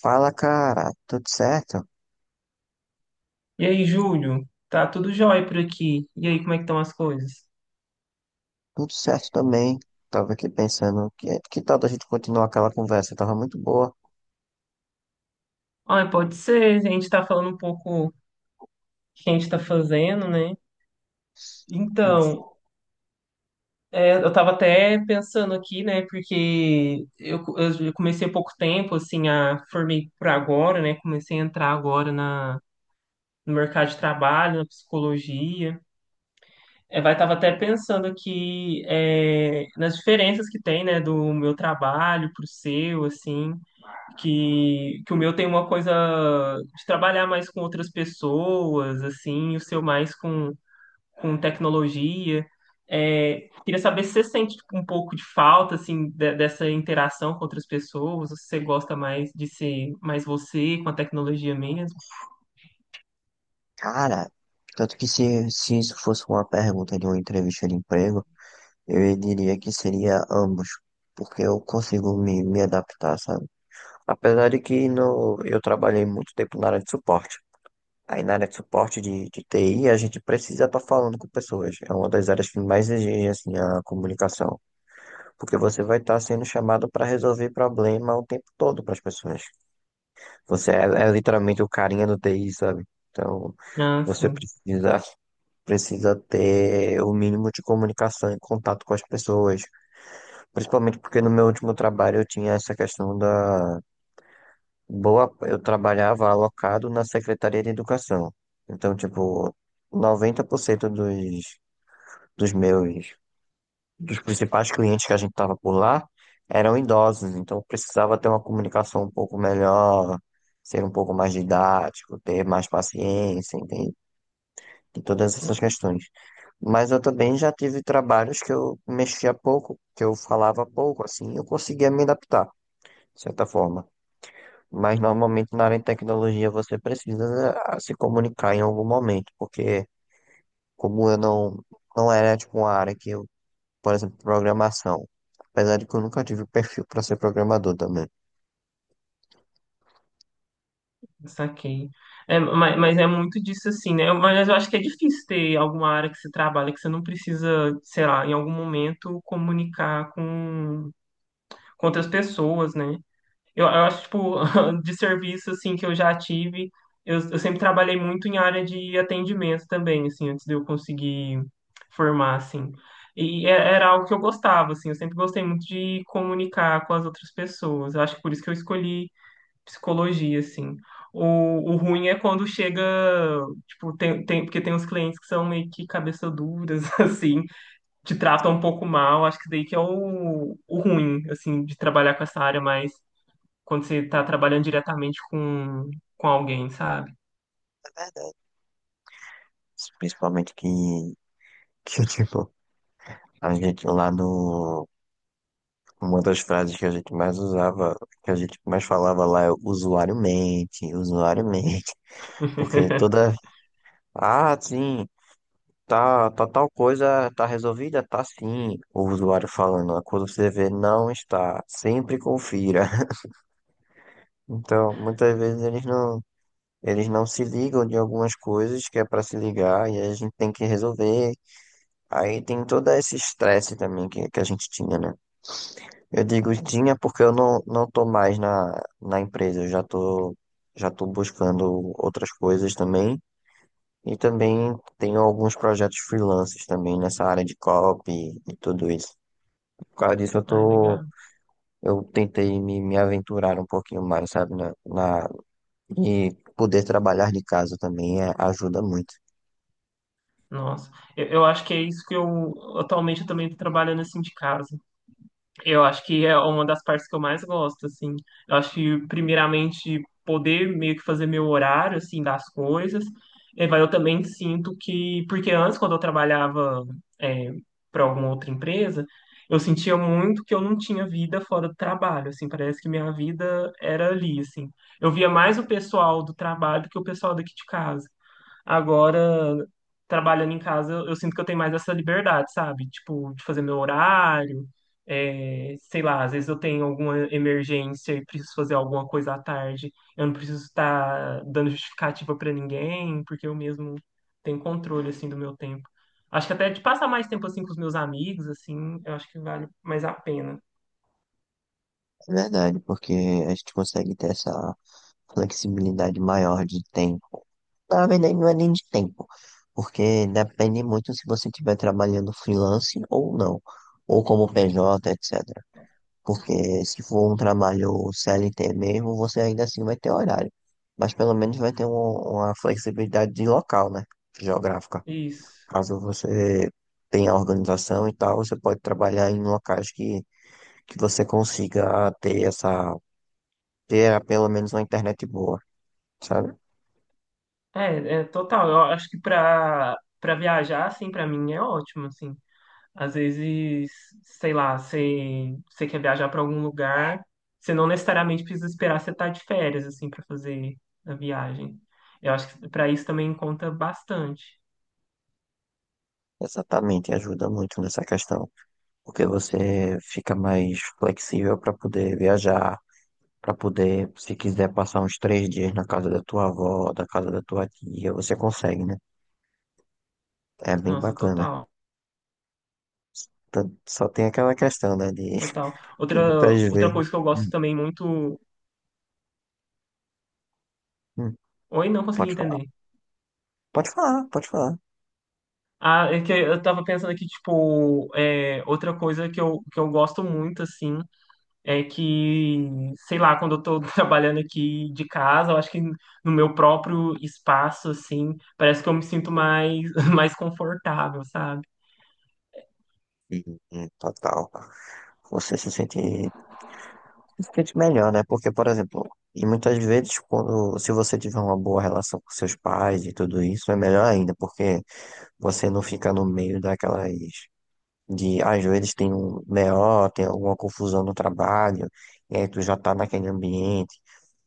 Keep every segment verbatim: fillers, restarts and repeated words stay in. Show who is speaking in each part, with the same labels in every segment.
Speaker 1: Fala, cara, tudo certo?
Speaker 2: E aí, Júlio? Tá tudo jóia por aqui. E aí, como é que estão as coisas?
Speaker 1: Tudo certo também. Tava aqui pensando, que, que tal da gente continuar aquela conversa? Tava muito boa.
Speaker 2: Ah, pode ser. A gente tá falando um pouco o que a gente tá fazendo, né? Então, é, eu tava até pensando aqui, né? Porque eu, eu comecei há pouco tempo, assim, a formei por agora, né? Comecei a entrar agora na, no mercado de trabalho, na psicologia. É, vai, tava até pensando aqui é, nas diferenças que tem, né? Do meu trabalho pro seu, assim. que, que o meu tem uma coisa de trabalhar mais com outras pessoas, assim, e o seu mais com, com tecnologia. É, queria saber se você sente tipo, um pouco de falta, assim, de- dessa interação com outras pessoas, ou se você gosta mais de ser mais você com a tecnologia mesmo.
Speaker 1: Cara, tanto que se, se isso fosse uma pergunta de uma entrevista de emprego, eu diria que seria ambos, porque eu consigo me, me adaptar, sabe? Apesar de que no, eu trabalhei muito tempo na área de suporte. Aí na área de suporte de, de T I, a gente precisa estar falando com pessoas. É uma das áreas que mais exige, assim, a comunicação. Porque você vai estar sendo chamado para resolver problema o tempo todo para as pessoas. Você é, é literalmente o carinha do T I, sabe? Então,
Speaker 2: Ah,
Speaker 1: você
Speaker 2: sim.
Speaker 1: precisa, precisa ter o mínimo de comunicação e contato com as pessoas. Principalmente porque no meu último trabalho eu tinha essa questão da boa. Eu trabalhava alocado na Secretaria de Educação. Então, tipo, noventa por cento dos, dos meus dos principais clientes que a gente estava por lá eram idosos, então precisava ter uma comunicação um pouco melhor, ser um pouco mais didático, ter mais paciência, entende? E todas
Speaker 2: Ah,
Speaker 1: essas questões. Mas eu também já tive trabalhos que eu mexia pouco, que eu falava pouco, assim, eu conseguia me adaptar, de certa forma. Mas normalmente na área de tecnologia você precisa eh, se comunicar em algum momento, porque como eu não, não era tipo uma área que eu. Por exemplo, programação. Apesar de que eu nunca tive perfil para ser programador também.
Speaker 2: saquei. É, mas, mas é muito disso assim, né? Mas eu acho que é difícil ter alguma área que você trabalha que você não precisa, sei lá, em algum momento comunicar com contra as pessoas, né? Eu, eu acho, tipo, de serviço, assim, que eu já tive, eu, eu sempre trabalhei muito em área de atendimento também, assim, antes de eu conseguir formar, assim. E é- era algo que eu gostava, assim, eu sempre gostei muito de comunicar com as outras pessoas. Eu acho que por isso que eu escolhi psicologia, assim. O, o ruim é quando chega, tipo, tem, tem, porque tem uns clientes que são meio que cabeça duras, assim, te trata um pouco mal, acho que daí que é o, o ruim, assim, de trabalhar com essa área, mas quando você tá trabalhando diretamente com, com alguém, sabe?
Speaker 1: É verdade. Principalmente que, que tipo, a gente lá no. Uma das frases que a gente mais usava, que a gente mais falava lá é usuário mente, usuário mente. Porque toda. Ah, sim, tá, tá tal coisa, tá resolvida? Tá sim. O usuário falando. Quando você vê, não está. Sempre confira. Então, muitas vezes eles não Eles não se ligam de algumas coisas que é para se ligar e aí a gente tem que resolver. Aí tem todo esse estresse também que, que a gente tinha, né? Eu digo tinha porque eu não, não tô mais na, na, empresa, eu já tô, já tô buscando outras coisas também. E também tenho alguns projetos freelances também nessa área de copy e, e tudo isso. Por causa disso eu
Speaker 2: Ai,
Speaker 1: tô,
Speaker 2: legal.
Speaker 1: eu tentei me, me aventurar um pouquinho mais, sabe? Na, na, e poder trabalhar de casa também é, ajuda muito.
Speaker 2: Nossa, eu, eu acho que é isso que eu atualmente eu também tô trabalhando assim de casa. Eu acho que é uma das partes que eu mais gosto, assim. Eu acho que, primeiramente, poder meio que fazer meu horário, assim, das coisas. E vai, eu também sinto que... Porque antes, quando eu trabalhava, é, para alguma outra empresa, eu sentia muito que eu não tinha vida fora do trabalho, assim. Parece que minha vida era ali, assim. Eu via mais o pessoal do trabalho do que o pessoal daqui de casa. Agora, trabalhando em casa, eu, eu sinto que eu tenho mais essa liberdade, sabe? Tipo, de fazer meu horário, é, sei lá, às vezes eu tenho alguma emergência e preciso fazer alguma coisa à tarde. Eu não preciso estar dando justificativa pra ninguém, porque eu mesmo tenho controle, assim, do meu tempo. Acho que até de passar mais tempo, assim, com os meus amigos, assim, eu acho que vale mais a pena.
Speaker 1: É verdade, porque a gente consegue ter essa flexibilidade maior de tempo. Na verdade, não é nem de tempo, porque depende muito se você estiver trabalhando freelance ou não, ou como P J, etcétera. Porque se for um trabalho c l t mesmo, você ainda assim vai ter horário, mas pelo menos vai ter um- uma flexibilidade de local, né? Geográfica.
Speaker 2: Isso.
Speaker 1: Caso você tenha organização e tal, você pode trabalhar em locais que, que você consiga ter essa ter ah, pelo menos uma internet boa, sabe?
Speaker 2: É, é total. Eu acho que pra, pra viajar, assim, pra mim é ótimo, assim. Às vezes, sei lá, você, você quer viajar para algum lugar, você não necessariamente precisa esperar você estar de férias, assim, para fazer a viagem. Eu acho que para isso também conta bastante.
Speaker 1: Exatamente, ajuda muito nessa questão, porque você fica mais flexível para poder viajar, para poder, se quiser passar uns três dias na casa da tua avó, da casa da tua tia, você consegue, né? É bem
Speaker 2: Nossa,
Speaker 1: bacana.
Speaker 2: total,
Speaker 1: Então, só tem aquela questão, né, de
Speaker 2: total.
Speaker 1: que
Speaker 2: Outra,
Speaker 1: muitas
Speaker 2: outra
Speaker 1: vezes.
Speaker 2: coisa que eu gosto
Speaker 1: Hum,
Speaker 2: também muito.
Speaker 1: hum,
Speaker 2: Oi, não consegui
Speaker 1: pode falar,
Speaker 2: entender.
Speaker 1: pode falar, pode falar.
Speaker 2: Ah, é que eu tava pensando aqui, tipo, é, outra coisa que eu, que eu gosto muito, assim, é que, sei lá, quando eu tô trabalhando aqui de casa, eu acho que no meu próprio espaço, assim, parece que eu me sinto mais, mais confortável, sabe?
Speaker 1: Hum, hum, Total. Você se sente. Fique melhor, né? Porque, por exemplo, e muitas vezes, quando, se você tiver uma boa relação com seus pais e tudo isso, é melhor ainda, porque você não fica no meio daquelas, de, às vezes tem um B O, tem alguma confusão no trabalho, e aí tu já tá naquele ambiente,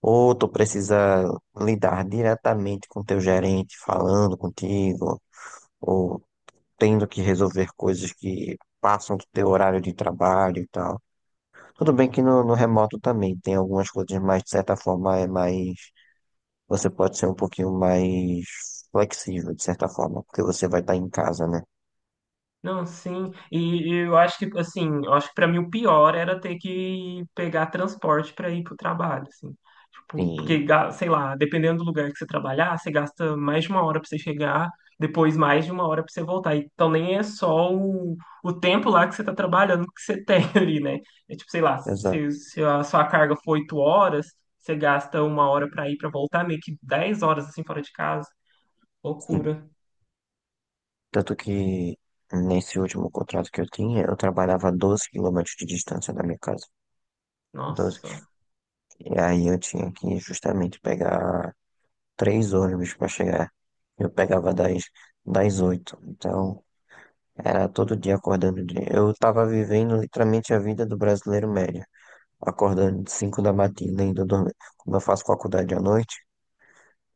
Speaker 1: ou tu precisa lidar diretamente com teu gerente, falando contigo, ou tendo que resolver coisas que passam do teu horário de trabalho e tal. Tudo bem que no, no, remoto também tem algumas coisas, mas de certa forma é mais. Você pode ser um pouquinho mais flexível, de certa forma, porque você vai estar em casa, né?
Speaker 2: Não, sim. E eu acho que assim, eu acho que para mim o pior era ter que pegar transporte para ir pro trabalho, assim. Tipo, porque
Speaker 1: Sim,
Speaker 2: ga- sei lá, dependendo do lugar que você trabalhar, você gasta mais de uma hora para você chegar, depois mais de uma hora para você voltar. Então nem é só o, o tempo lá que você tá trabalhando que você tem ali, né? É tipo, sei lá, se,
Speaker 1: exato.
Speaker 2: se a sua carga for oito horas, você gasta uma hora para ir para voltar, meio que dez horas assim fora de casa.
Speaker 1: Sim.
Speaker 2: Loucura.
Speaker 1: Tanto que nesse último contrato que eu tinha, eu trabalhava a doze quilômetros de distância da minha casa. Doze.
Speaker 2: Nossa.
Speaker 1: E aí eu tinha que justamente pegar três ônibus para chegar. Eu pegava das, das oito. Então, era todo dia acordando. de- Eu estava vivendo literalmente a vida do brasileiro médio. Acordando de cinco da matina, indo dormir. Quando eu faço faculdade à noite,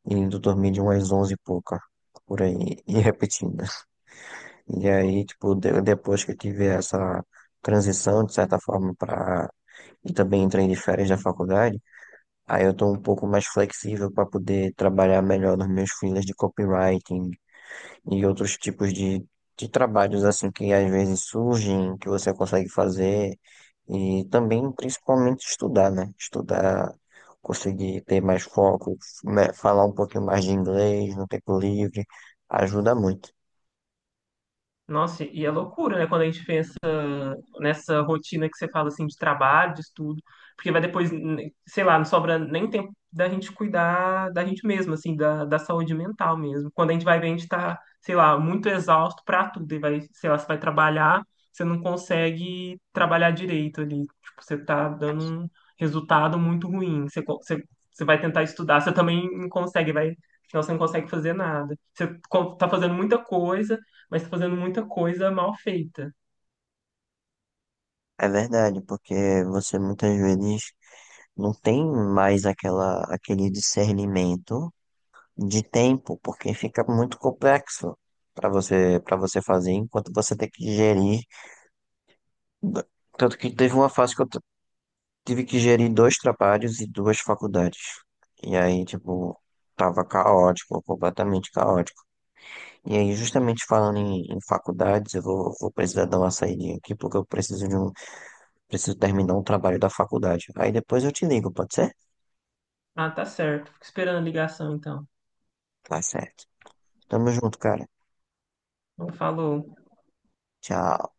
Speaker 1: indo dormir de umas onze e pouca, por aí, e repetindo. E aí, tipo, de- depois que eu tive essa transição, de certa forma, para. E também entrei de férias da faculdade, aí eu tô um pouco mais flexível para poder trabalhar melhor nos meus freelas de copywriting, e outros tipos de, de trabalhos assim que às vezes surgem, que você consegue fazer e também principalmente estudar, né? Estudar, conseguir ter mais foco, né? Falar um pouquinho mais de inglês no tempo livre, ajuda muito.
Speaker 2: Nossa, e é loucura, né? Quando a gente pensa nessa rotina que você fala assim de trabalho, de estudo, porque vai depois, n- sei lá, não sobra nem tempo da gente cuidar da gente mesmo, assim, da, da saúde mental mesmo. Quando a gente vai ver, a gente tá, sei lá, muito exausto pra tudo, e vai, sei lá, você vai trabalhar, você não consegue trabalhar direito ali, tipo, você tá dando um resultado muito ruim, você, co- você, você vai tentar estudar, você também não consegue, vai, afinal você não consegue fazer nada. Você co- tá fazendo muita coisa, mas tá fazendo muita coisa mal feita.
Speaker 1: É verdade, porque você muitas vezes não tem mais aquela, aquele discernimento de tempo, porque fica muito complexo para você, para você fazer, enquanto você tem que gerir tanto que teve uma fase que eu tive que gerir dois trabalhos e duas faculdades. E aí, tipo, tava caótico, completamente caótico. E aí, justamente falando em, em faculdades, eu vou, vou precisar dar uma saída aqui, porque eu preciso de um, preciso terminar um trabalho da faculdade. Aí depois eu te ligo, pode ser?
Speaker 2: Ah, tá certo. Fico esperando a ligação, então.
Speaker 1: Tá certo. Tamo junto, cara.
Speaker 2: Não falou.
Speaker 1: Tchau.